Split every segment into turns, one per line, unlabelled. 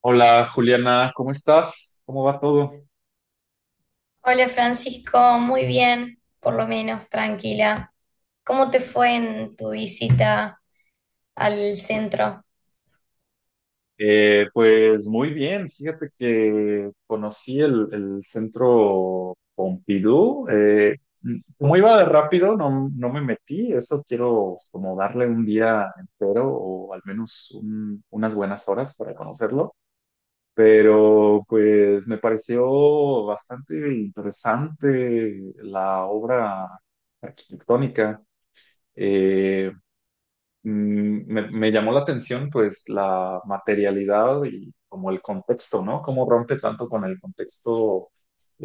Hola Juliana, ¿cómo estás? ¿Cómo va todo?
Hola Francisco, muy bien, por lo menos tranquila. ¿Cómo te fue en tu visita al centro?
Pues muy bien, fíjate que conocí el centro Pompidou. Como iba de rápido, no, no me metí. Eso quiero como darle un día entero o al menos unas buenas horas para conocerlo. Pero pues me pareció bastante interesante la obra arquitectónica. Eh, Me llamó la atención pues la materialidad y como el contexto, ¿no? Cómo rompe tanto con el contexto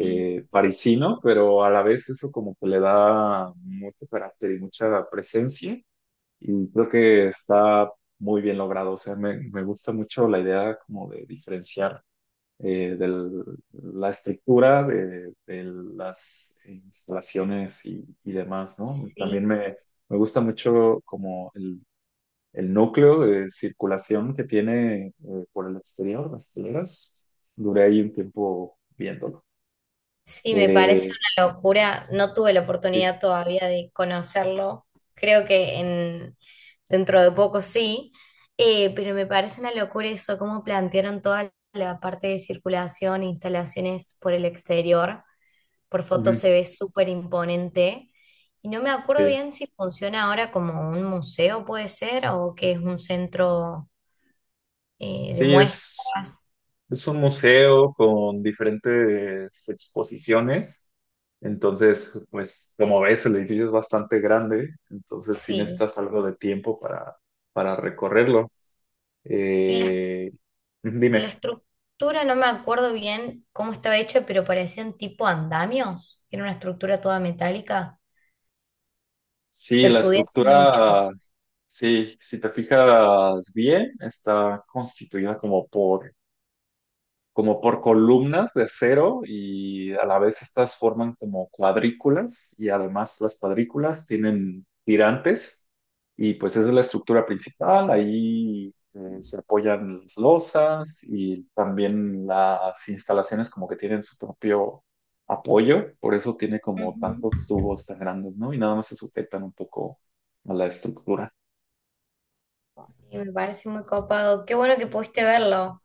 Sí,
parisino, pero a la vez eso como que le da mucho carácter y mucha presencia, y creo que está muy bien logrado. O sea, me gusta mucho la idea como de diferenciar de la estructura de las instalaciones y demás, ¿no?
sí,
Me gusta mucho como el núcleo de circulación que tiene por el exterior, las hileras. Duré ahí un tiempo viéndolo.
sí, me parece
Eh,
una locura. No tuve la
sí,
oportunidad todavía de conocerlo. Creo que dentro de poco sí. Pero me parece una locura eso, cómo plantearon toda la parte de circulación, instalaciones por el exterior. Por foto
ujú,
se ve súper imponente. Y no me acuerdo
sí,
bien si funciona ahora como un museo, puede ser, o que es un centro
sí,
de
es,
muestras.
es un museo con diferentes exposiciones. Entonces, pues como ves, el edificio es bastante grande, entonces sí
Sí.
necesitas algo de tiempo para recorrerlo.
Y la,
Eh,
la
Dime.
estructura, no me acuerdo bien cómo estaba hecha, pero parecían tipo andamios. Era una estructura toda metálica.
Sí,
La estudié hace mucho.
sí, si te fijas bien, está constituida como por columnas de acero, y a la vez estas forman como cuadrículas, y además las cuadrículas tienen tirantes, y pues esa es la estructura principal. Ahí se apoyan las losas y también las instalaciones como que tienen su propio apoyo, por eso tiene como
Ujú.
tantos tubos tan grandes, ¿no? Y nada más se sujetan un poco a la estructura.
Y me parece muy copado. Qué bueno que pudiste verlo.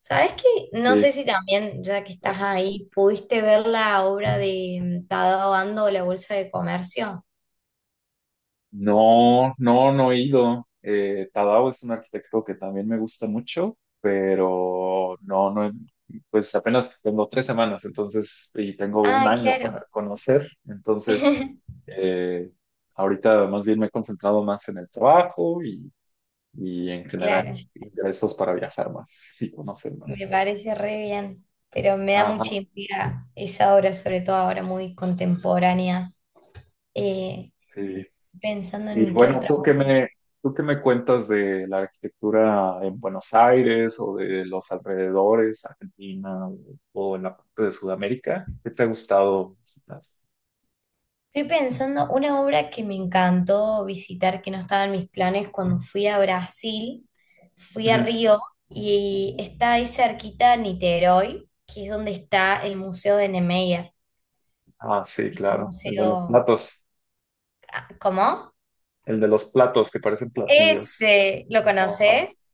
¿Sabes qué? No sé
Sí,
si también, ya que estás
gracias.
ahí, pudiste ver la obra de Tadao Ando, La Bolsa de Comercio.
No, no, no he ido. Tadao es un arquitecto que también me gusta mucho, pero no, pues apenas tengo 3 semanas, entonces, y tengo un
Ah,
año
claro.
para conocer, entonces, eh, ahorita más bien me he concentrado más en el trabajo y en general
Claro,
ingresos para viajar más y conocer
me
más.
parece re bien, pero me da
Ajá,
mucha intriga esa obra, sobre todo ahora muy contemporánea, eh,
sí.
pensando
Y
en qué
bueno,
otra obra.
¿tú qué me cuentas de la arquitectura en Buenos Aires o de los alrededores, Argentina o en la parte de Sudamérica? ¿Qué te ha gustado visitar?
Estoy pensando una obra que me encantó visitar, que no estaba en mis planes cuando fui a Brasil, fui a
Ujú.
Río y está ahí cerquita Niterói, que es donde está el Museo de Niemeyer,
Ah, sí,
el
claro,
museo, ¿cómo?
el de los platos que parecen platillos.
Ese, ¿lo
Ajá.
conoces?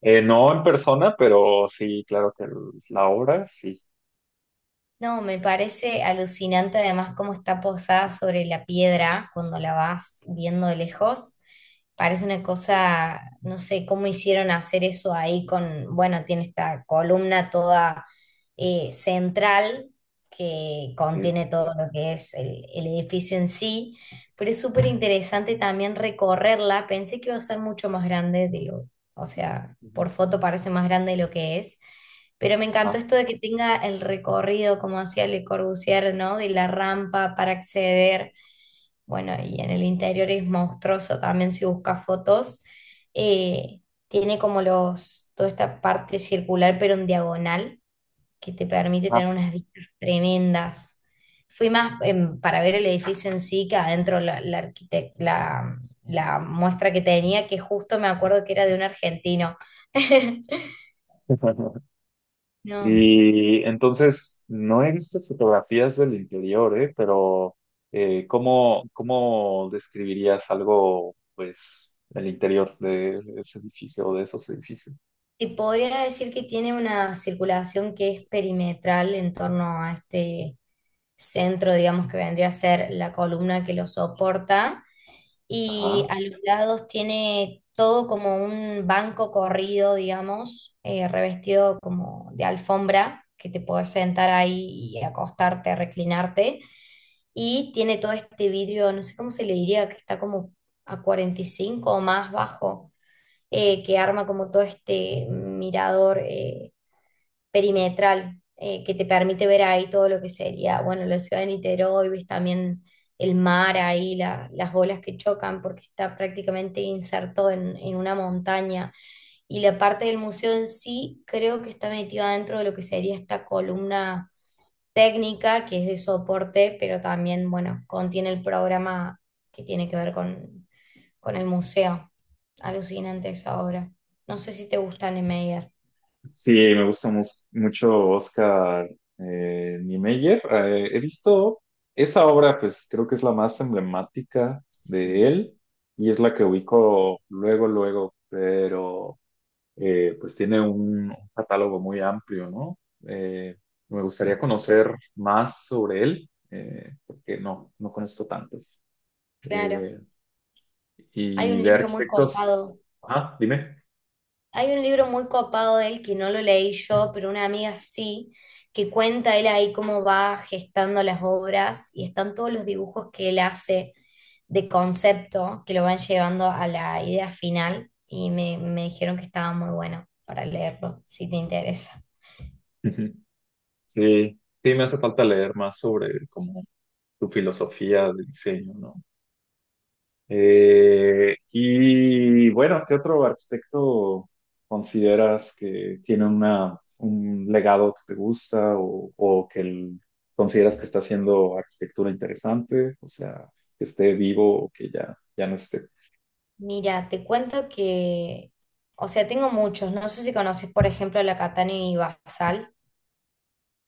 No en persona, pero sí, claro que la obra, sí.
No, me parece alucinante además cómo está posada sobre la piedra cuando la vas viendo de lejos. Parece una
Sí.
cosa, no sé cómo hicieron hacer eso ahí con, bueno, tiene esta columna toda central, que
Sí.
contiene todo lo que el edificio en sí, pero es súper interesante también recorrerla. Pensé que iba a ser mucho más grande o sea,
Ujú.
por foto parece más grande de lo que es, pero me encantó
Ajá.
esto de que tenga el recorrido, como hacía Le Corbusier, ¿no? De la rampa para acceder. Bueno, y en el interior es monstruoso también si buscas fotos. Eh, Tiene como los, toda esta parte circular, pero en diagonal, que te permite
Ajá.
tener unas vistas tremendas. Fui más para ver el edificio en sí que adentro la muestra que tenía, que justo me acuerdo que era de un argentino. No.
Y entonces, no he visto fotografías del interior, ¿eh? Pero ¿cómo describirías algo, pues, del interior de ese edificio o de esos edificios?
Y podría decir que tiene una circulación que es perimetral en torno a este centro, digamos, que vendría a ser la columna que lo soporta, y
Ajá.
a los lados tiene todo como un banco corrido, digamos, revestido como de alfombra, que te puedes sentar ahí y acostarte, reclinarte, y tiene todo este vidrio, no sé cómo se le diría, que está como a 45 o más bajo, que arma como todo este mirador perimetral, que te permite ver ahí todo lo que sería, bueno, la ciudad de Niterói, ves también el mar ahí, las olas que chocan porque está prácticamente inserto en una montaña. Y la parte del museo en sí creo que está metida dentro de lo que sería esta columna técnica que es de soporte, pero también, bueno, contiene el programa que tiene que ver con el museo. Alucinante esa obra. No sé si te gusta Niemeyer.
Sí, me gusta mucho Oscar Niemeyer. He visto esa obra, pues creo que es la más emblemática de
Sí.
él, y es la que ubico luego, luego, pero pues tiene un catálogo muy amplio, ¿no? Eh, Me
Mm,
gustaría conocer más sobre él, porque no, no conozco tanto.
Claro.
Eh,
Hay
y
un
de
libro muy
arquitectos,
copado
ah, dime.
Hay un libro muy copado de él que no lo leí yo, pero una amiga sí, que cuenta él ahí cómo va gestando las obras y están todos los dibujos que él hace de concepto que lo van llevando a la idea final y me dijeron que estaba muy bueno para leerlo, si te interesa.
Ujú. Sí, sí, me hace falta leer más sobre como su filosofía de diseño, ¿no? Y bueno, ¿qué otro arquitecto consideras que tiene un legado que te gusta, o que consideras que está haciendo arquitectura interesante? O sea, que esté vivo o que ya, ya no esté.
Mira, te cuento que, o sea, tengo muchos, no sé si conoces, por ejemplo, la Catania y Basal.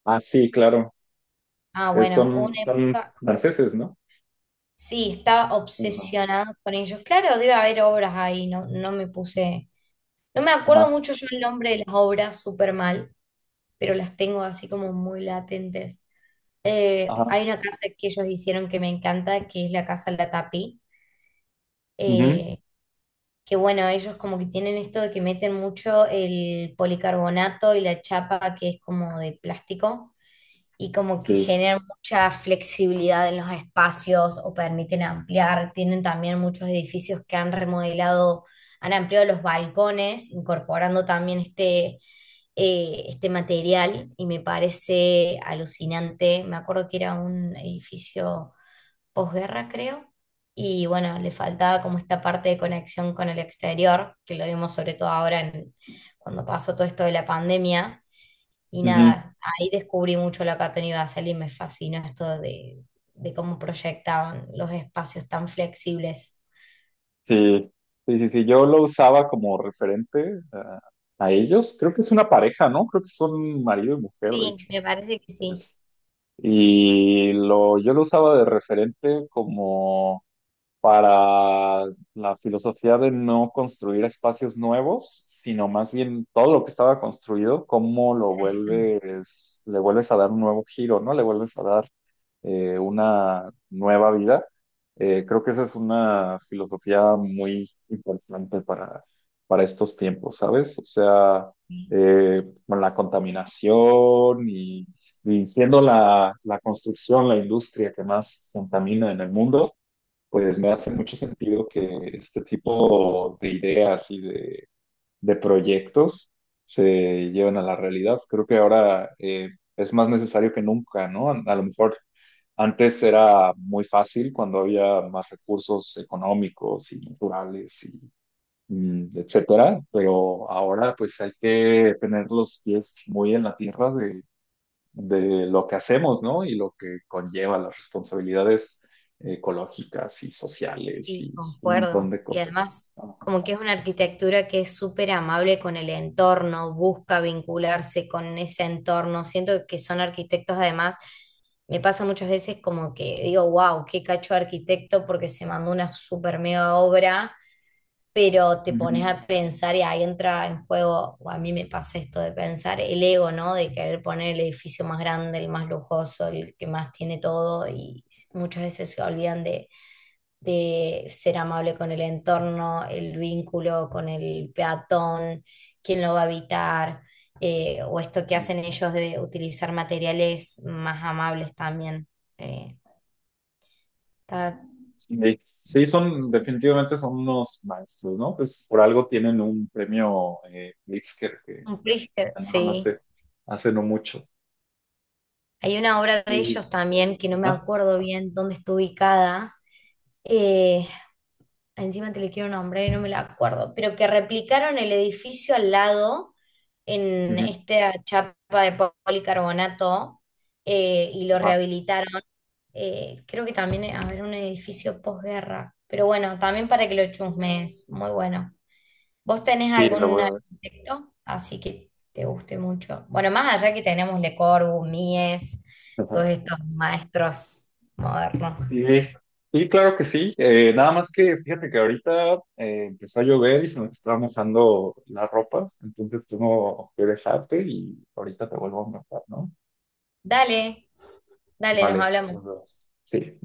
Ah, sí, claro.
Ah, bueno, una
Son, son
época.
franceses, ¿no?
Sí, estaba
Ajá.
obsesionado con ellos. Claro, debe haber obras ahí, no me puse. No me acuerdo
Ajá.
mucho yo el nombre de las obras súper mal, pero las tengo así
Sí.
como muy latentes. Hay
Ajá.
una casa que ellos hicieron que me encanta, que es la Casa Latapí.
Ujú.
Eh, que bueno, ellos como que tienen esto de que meten mucho el policarbonato y la chapa que es como de plástico, y como que
Sí.
generan mucha flexibilidad en los espacios o permiten ampliar. Tienen también muchos edificios que han remodelado, han ampliado los balcones, incorporando también este material y me parece alucinante. Me acuerdo que era un edificio posguerra, creo. Y bueno, le faltaba como esta parte de conexión con el exterior, que lo vimos sobre todo ahora cuando pasó todo esto de la pandemia y nada, ahí descubrí mucho lo que ha tenido Basel y me fascinó esto de cómo proyectaban los espacios tan flexibles.
Sí, sí, yo lo usaba como referente a ellos. Creo que es una pareja, ¿no? Creo que son marido y mujer, de
Sí,
hecho.
me parece que sí,
Es- y yo lo usaba de referente como para la filosofía de no construir espacios nuevos, sino más bien todo lo que estaba construido, cómo lo vuelves, le vuelves a dar un nuevo giro, ¿no? Le vuelves a dar una nueva vida. Creo que esa es una filosofía muy importante para estos tiempos, ¿sabes? O sea,
sí,
con la contaminación y siendo la construcción, la industria que más contamina en el mundo, pues me hace mucho sentido que este tipo de ideas de proyectos se lleven a la realidad. Creo que ahora es más necesario que nunca, ¿no? A lo mejor antes era muy fácil cuando había más recursos económicos y naturales y etcétera, pero ahora pues hay que tener los pies muy en la tierra de lo que hacemos, ¿no? Y lo que conlleva las responsabilidades ecológicas y sociales
sí,
y un montón
concuerdo.
de
Y
cosas.
además
Ajá.
como que es una arquitectura que es súper amable con el entorno, busca vincularse con ese entorno. Siento que son arquitectos además, me pasa muchas veces como que digo, wow, qué cacho de arquitecto porque se mandó una súper mega obra, pero te
Ujú.
pones a pensar y ahí entra en juego, o a mí me pasa esto de pensar el ego, ¿no? De querer poner el edificio más grande, el más lujoso, el que más tiene todo y muchas veces se olvidan de ser amable con el entorno, el vínculo con el peatón, quién lo va a habitar, o esto que hacen ellos de utilizar materiales más amables también. Eh, Está
Sí. Sí, sí, son, definitivamente son unos maestros, ¿no? Pues por algo tienen un premio Pritzker que
un brisket,
ganaron
sí.
hace no mucho.
Hay una obra de
Y,
ellos también que no me
ajá.
acuerdo bien dónde está ubicada. eh, Encima te le quiero nombrar y no me la acuerdo, pero que replicaron el edificio al lado en
Ujú.
esta chapa de policarbonato, y lo
Ajá.
rehabilitaron. Creo que también, a ver, un edificio posguerra. Pero bueno, también para que lo chusmes, muy bueno. ¿Vos tenés
Sí, lo
algún
voy a
arquitecto así que te guste mucho? Bueno, más allá que tenemos Le Corbusier, Mies, todos
ver.
estos maestros modernos.
Sí, sí, claro que sí. Nada más que fíjate que ahorita empezó a llover y se me estaba mojando la ropa, entonces tengo que dejarte y ahorita te vuelvo a marcar, ¿no?
Dale, dale, nos
Vale,
hablamos.
nos vemos. Sí.